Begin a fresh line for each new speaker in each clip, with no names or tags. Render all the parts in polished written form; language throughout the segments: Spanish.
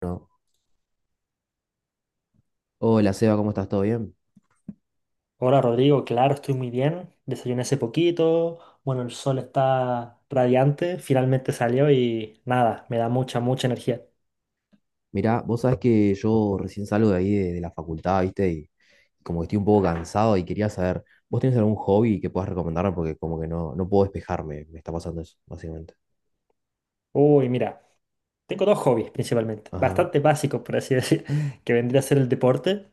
No. Hola Seba, ¿cómo estás? ¿Todo bien?
Hola Rodrigo, claro, estoy muy bien. Desayuné hace poquito. Bueno, el sol está radiante, finalmente salió y nada, me da mucha, mucha energía.
Mirá, vos sabés que yo recién salgo de ahí de la facultad, ¿viste? Y como que estoy un poco cansado y quería saber, ¿vos tenés algún hobby que puedas recomendarme? Porque como que no puedo despejarme, me está pasando eso, básicamente.
Uy, mira, tengo dos hobbies principalmente,
Ajá,
bastante básicos por así decir, que vendría a ser el deporte.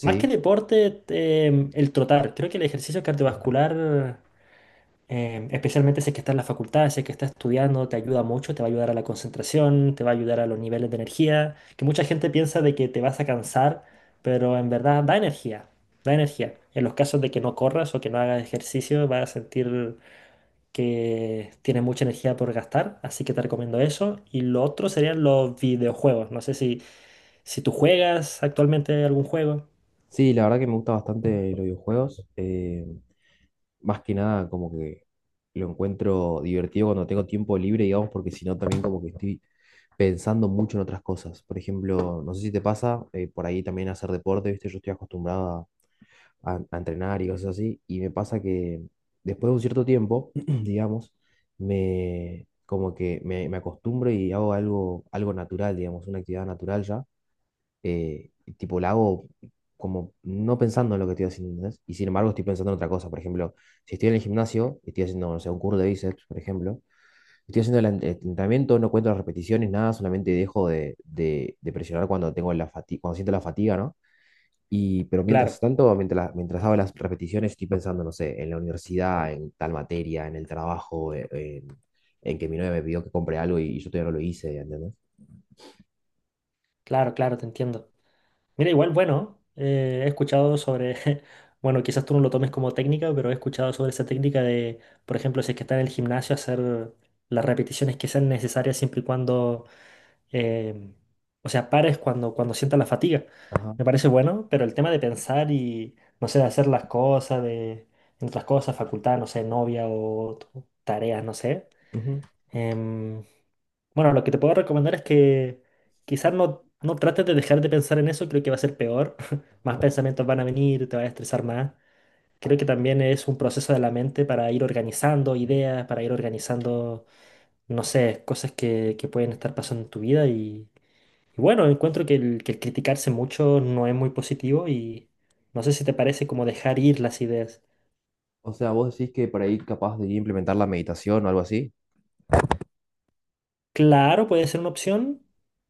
Más que deporte, el trotar. Creo que el ejercicio cardiovascular. Especialmente si es que estás en la facultad, si es que estás estudiando, te ayuda mucho, te va a ayudar a la concentración, te va a ayudar a los niveles de energía, que mucha gente piensa de que te vas a cansar, pero en verdad da energía, da energía. En los casos de que no corras o que no hagas ejercicio, vas a sentir que tienes mucha energía por gastar, así que te recomiendo eso. Y lo otro serían los videojuegos. No sé si, si tú juegas actualmente algún juego.
Sí, la verdad que me gusta bastante los videojuegos. Más que nada como que lo encuentro divertido cuando tengo tiempo libre, digamos, porque si no también como que estoy pensando mucho en otras cosas. Por ejemplo, no sé si te pasa, por ahí también hacer deporte, ¿viste? Yo estoy acostumbrado a entrenar y cosas así. Y me pasa que después de un cierto tiempo, digamos, me como que me acostumbro y hago algo, algo natural, digamos, una actividad natural ya. Tipo, la hago como no pensando en lo que estoy haciendo, ¿entendés? Y sin embargo estoy pensando en otra cosa. Por ejemplo, si estoy en el gimnasio, estoy haciendo, no sé, un curso de bíceps, por ejemplo, estoy haciendo el entrenamiento, no cuento las repeticiones, nada, solamente dejo de presionar cuando tengo la fatiga, cuando siento la fatiga, ¿no? Y, pero mientras
Claro,
tanto, mientras hago las repeticiones, estoy pensando, no sé, en la universidad, en tal materia, en el trabajo, en, en que mi novia me pidió que compre algo y, yo todavía no lo hice, ¿entendés?
claro, claro, te entiendo. Mira, igual, bueno, he escuchado sobre, bueno, quizás tú no lo tomes como técnica, pero he escuchado sobre esa técnica de, por ejemplo, si es que está en el gimnasio, hacer las repeticiones que sean necesarias siempre y cuando, eh, o sea, pares cuando, sientas la fatiga.
Ajá.
Me parece bueno, pero el tema de pensar y, no sé, de hacer las cosas, de, entre las cosas, facultad, no sé, novia o tareas, no sé.
Ujú.
Em, bueno, lo que te puedo recomendar es que quizás no, no trates de dejar de pensar en eso, creo que va a ser peor. Más
Ajá.
pensamientos van a venir, te vas a estresar más. Creo que también es un proceso de la mente para ir organizando ideas, para ir organizando, no sé, cosas que pueden estar pasando en tu vida. Y bueno, encuentro que el criticarse mucho no es muy positivo y no sé si te parece como dejar ir las ideas.
O sea, vos decís que por ahí capaz de implementar la meditación o algo así.
Claro, puede ser una opción.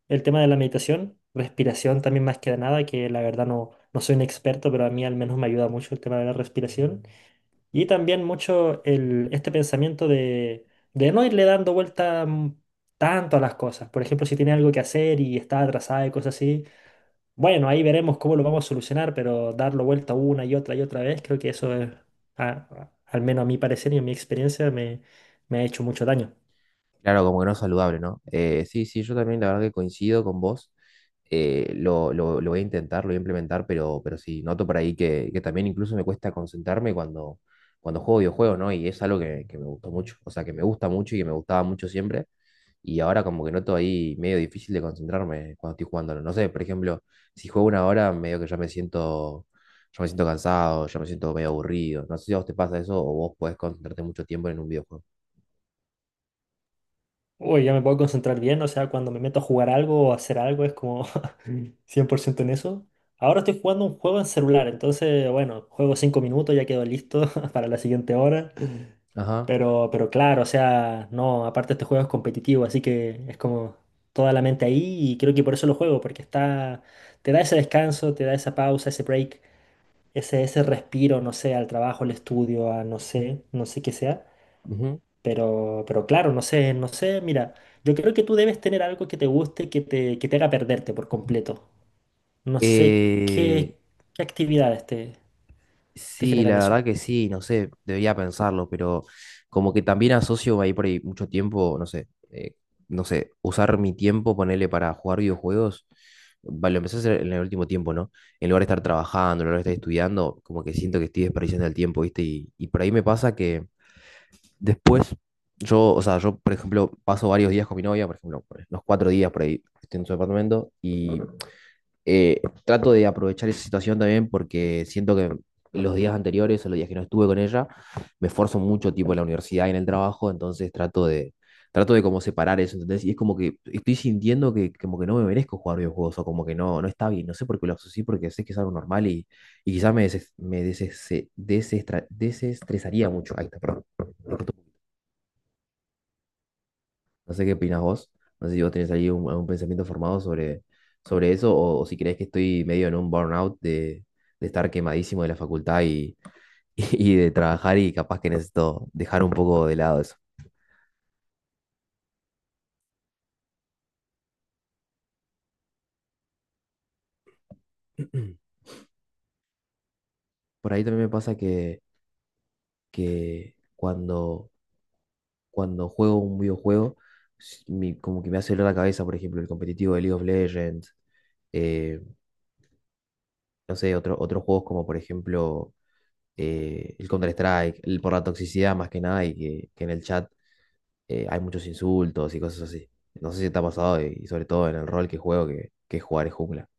El tema de la meditación, respiración también más que nada, que la verdad no, no soy un experto, pero a mí al menos me ayuda mucho el tema de la respiración. Y también mucho el, este pensamiento de no irle dando vuelta tanto a las cosas. Por ejemplo, si tiene algo que hacer y está atrasada y cosas así, bueno, ahí veremos cómo lo vamos a solucionar, pero darlo vuelta una y otra vez, creo que eso es, al menos a mi parecer y a mi experiencia, me ha hecho mucho daño.
Claro, como que no es saludable, ¿no? Sí, sí, yo también la verdad que coincido con vos. Lo voy a intentar, lo voy a implementar, pero sí, noto por ahí que también incluso me cuesta concentrarme cuando, cuando juego videojuegos, ¿no? Y es algo que me gustó mucho, o sea, que me gusta mucho y que me gustaba mucho siempre. Y ahora como que noto ahí medio difícil de concentrarme cuando estoy jugándolo. No sé, por ejemplo, si juego una hora, medio que ya me siento cansado, ya me siento medio aburrido. No sé si a vos te pasa eso o vos podés concentrarte mucho tiempo en un videojuego.
Uy, ya me puedo concentrar bien, o sea, cuando me meto a jugar algo o a hacer algo es como 100% en eso. Ahora estoy jugando un juego en celular, entonces, bueno, juego 5 minutos, ya quedo listo para la siguiente hora.
Ajá.
Pero claro, o sea, no, aparte este juego es competitivo, así que es como toda la mente ahí y creo que por eso lo juego, porque está, te da ese descanso, te da esa pausa, ese break, ese respiro, no sé, al trabajo, al estudio, a no sé, no sé qué sea.
Ujú.
Pero claro, no sé, no sé, mira, yo creo que tú debes tener algo que te guste, que te haga perderte por completo. No sé
Eh,
qué, actividades te
Sí,
generan
la
eso.
verdad que sí, no sé, debería pensarlo, pero como que también asocio ahí por ahí mucho tiempo, no sé, no sé, usar mi tiempo, ponerle para jugar videojuegos, va, lo empecé a hacer en el último tiempo, ¿no? En lugar de estar trabajando, en lugar de estar estudiando, como que siento que estoy desperdiciando el tiempo, ¿viste? Y por ahí me pasa que después, yo, o sea, yo, por ejemplo, paso varios días con mi novia, por ejemplo, los cuatro días por ahí, estoy en su apartamento y trato de aprovechar esa situación también porque siento que los días anteriores o los días que no estuve con ella, me esfuerzo mucho, tipo, en la universidad y en el trabajo, entonces trato de como separar eso, ¿entendés? Y es como que estoy sintiendo que como que no me merezco jugar videojuegos o como que no, no está bien, no sé por qué lo asocié, porque sé que es algo normal y quizás me, desestresaría mucho. Ahí está, perdón. No sé qué opinas vos. No sé si vos tenés ahí un, algún pensamiento formado sobre, sobre eso o si crees que estoy medio en un burnout de estar quemadísimo de la facultad y, y de trabajar y capaz que necesito dejar un poco de lado eso. Por ahí también me pasa que cuando, cuando juego un videojuego, como que me hace doler la cabeza, por ejemplo, el competitivo de League of Legends, eh, no sé, otro- otros juegos como por ejemplo el Counter-Strike, el- por la toxicidad más que nada, y que en el chat hay muchos insultos y cosas así. No sé si te ha pasado y sobre todo en el rol que juego, que jugar es jungla.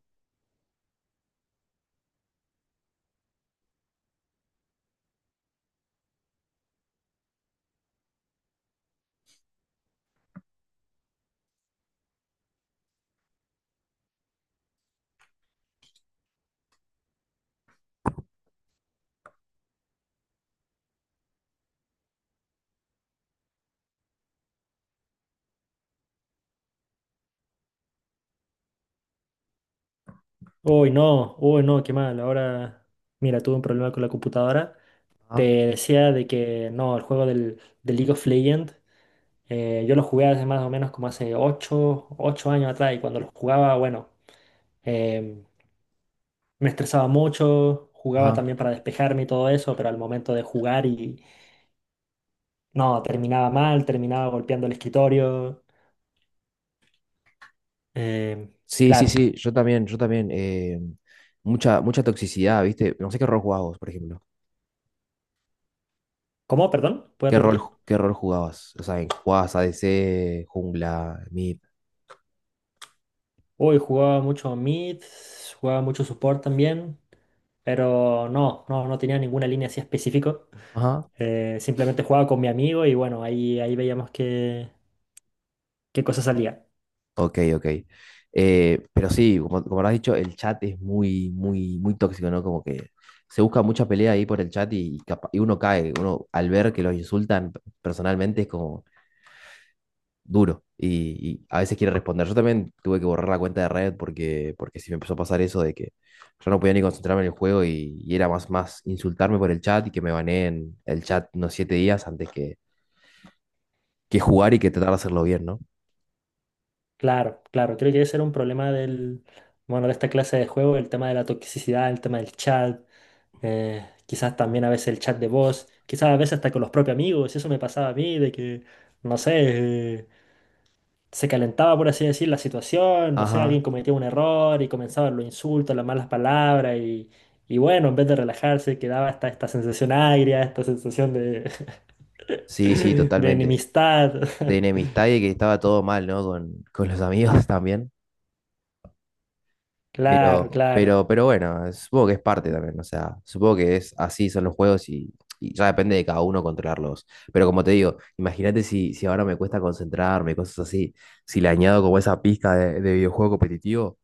Uy, no, qué mal. Ahora, mira, tuve un problema con la computadora. Te
Ajá,
decía de que no, el juego del League of Legends, yo lo jugué hace más o menos como hace ocho años atrás y cuando lo jugaba, bueno. em, Me estresaba mucho, jugaba
ajá.
también para despejarme y todo eso, pero al momento de jugar y no, terminaba mal, terminaba golpeando el escritorio. Em,
Sí, sí,
claro.
sí, yo también, yo también. Mucha, mucha toxicidad, ¿viste? No sé qué rol jugabas vos, por ejemplo.
¿Cómo? Perdón, ¿puedes
¿Qué rol,
repetir?
qué rol jugabas? O sea, ¿jugabas ADC, jungla, mid?
Uy, jugaba mucho mid, jugaba mucho support también, pero no, no, no tenía ninguna línea así específico.
Ajá.
Simplemente jugaba con mi amigo y bueno, ahí veíamos qué cosa salía.
Ok, ok. Pero sí, como, como habrás dicho, el chat es muy, muy, muy tóxico, ¿no? Como que se busca mucha pelea ahí por el chat y, y uno cae. Uno, al ver que los insultan personalmente, es como, duro y a veces quiere responder. Yo también tuve que borrar la cuenta de Reddit porque, porque sí me empezó a pasar eso de que yo no podía ni concentrarme en el juego y era más, más insultarme por el chat y que me baneen el chat unos siete días antes que jugar y que tratar de hacerlo bien, ¿no?
Claro, claro, creo que ese era un problema del, bueno, de esta clase de juego, el tema de la toxicidad, el tema del chat, quizás también a veces el chat de voz, quizás a veces hasta con los propios amigos, eso me pasaba a mí, de que, no sé, se calentaba, por así decir, la situación, no sé,
Ajá,
alguien cometía un error y comenzaban los insultos, las malas palabras y bueno, en vez de relajarse, quedaba hasta esta sensación agria, esta sensación de,
sí, sí,
de
totalmente.
enemistad.
De enemistad y que estaba todo mal, ¿no? Con los amigos también.
Claro, claro.
Pero bueno, supongo que es parte también, o sea, supongo que es así son los juegos y ya depende de cada uno controlarlos. Pero como te digo, imagínate si, si ahora me cuesta concentrarme, cosas así, si le añado como esa pizca de videojuego competitivo,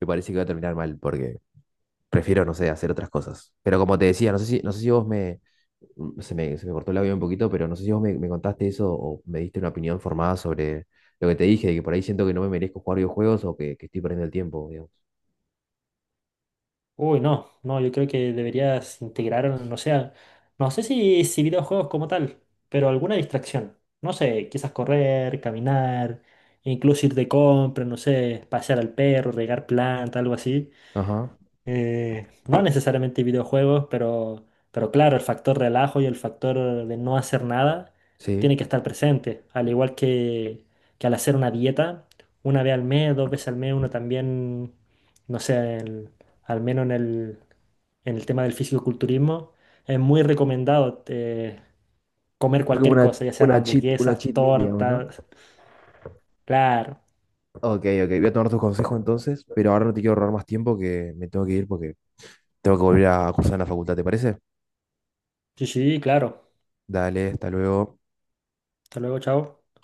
me parece que va a terminar mal, porque prefiero, no sé, hacer otras cosas. Pero como te decía, no sé si, no sé si vos me, se me, se me cortó el audio un poquito, pero no sé si vos me, me contaste eso o me diste una opinión formada sobre lo que te dije, de que por ahí siento que no me merezco jugar videojuegos o que estoy perdiendo el tiempo, digamos.
Uy, no, no, yo creo que deberías integrar, no sé, no sé si, si videojuegos como tal, pero alguna distracción. No sé, quizás correr, caminar, incluso ir de compra, no sé, pasear al perro, regar planta, algo así.
Ajá.
No necesariamente videojuegos, pero claro, el factor relajo y el factor de no hacer nada
Sí.
tiene que estar presente. Al igual que, al hacer una dieta, una vez al mes, dos veces al mes, uno también, no sé, al menos en el tema del fisicoculturismo, es muy recomendado comer
Hacer como
cualquier cosa, ya sean
una
hamburguesas,
cheat meal, digamos, ¿no?
tortas. Claro,
Ok, ok, voy a tomar tus consejos entonces, pero ahora no te quiero ahorrar más tiempo que me tengo que ir porque tengo que volver a cursar en la facultad, ¿te parece?
sí, sí, claro.
Dale, hasta luego.
Hasta luego, chao.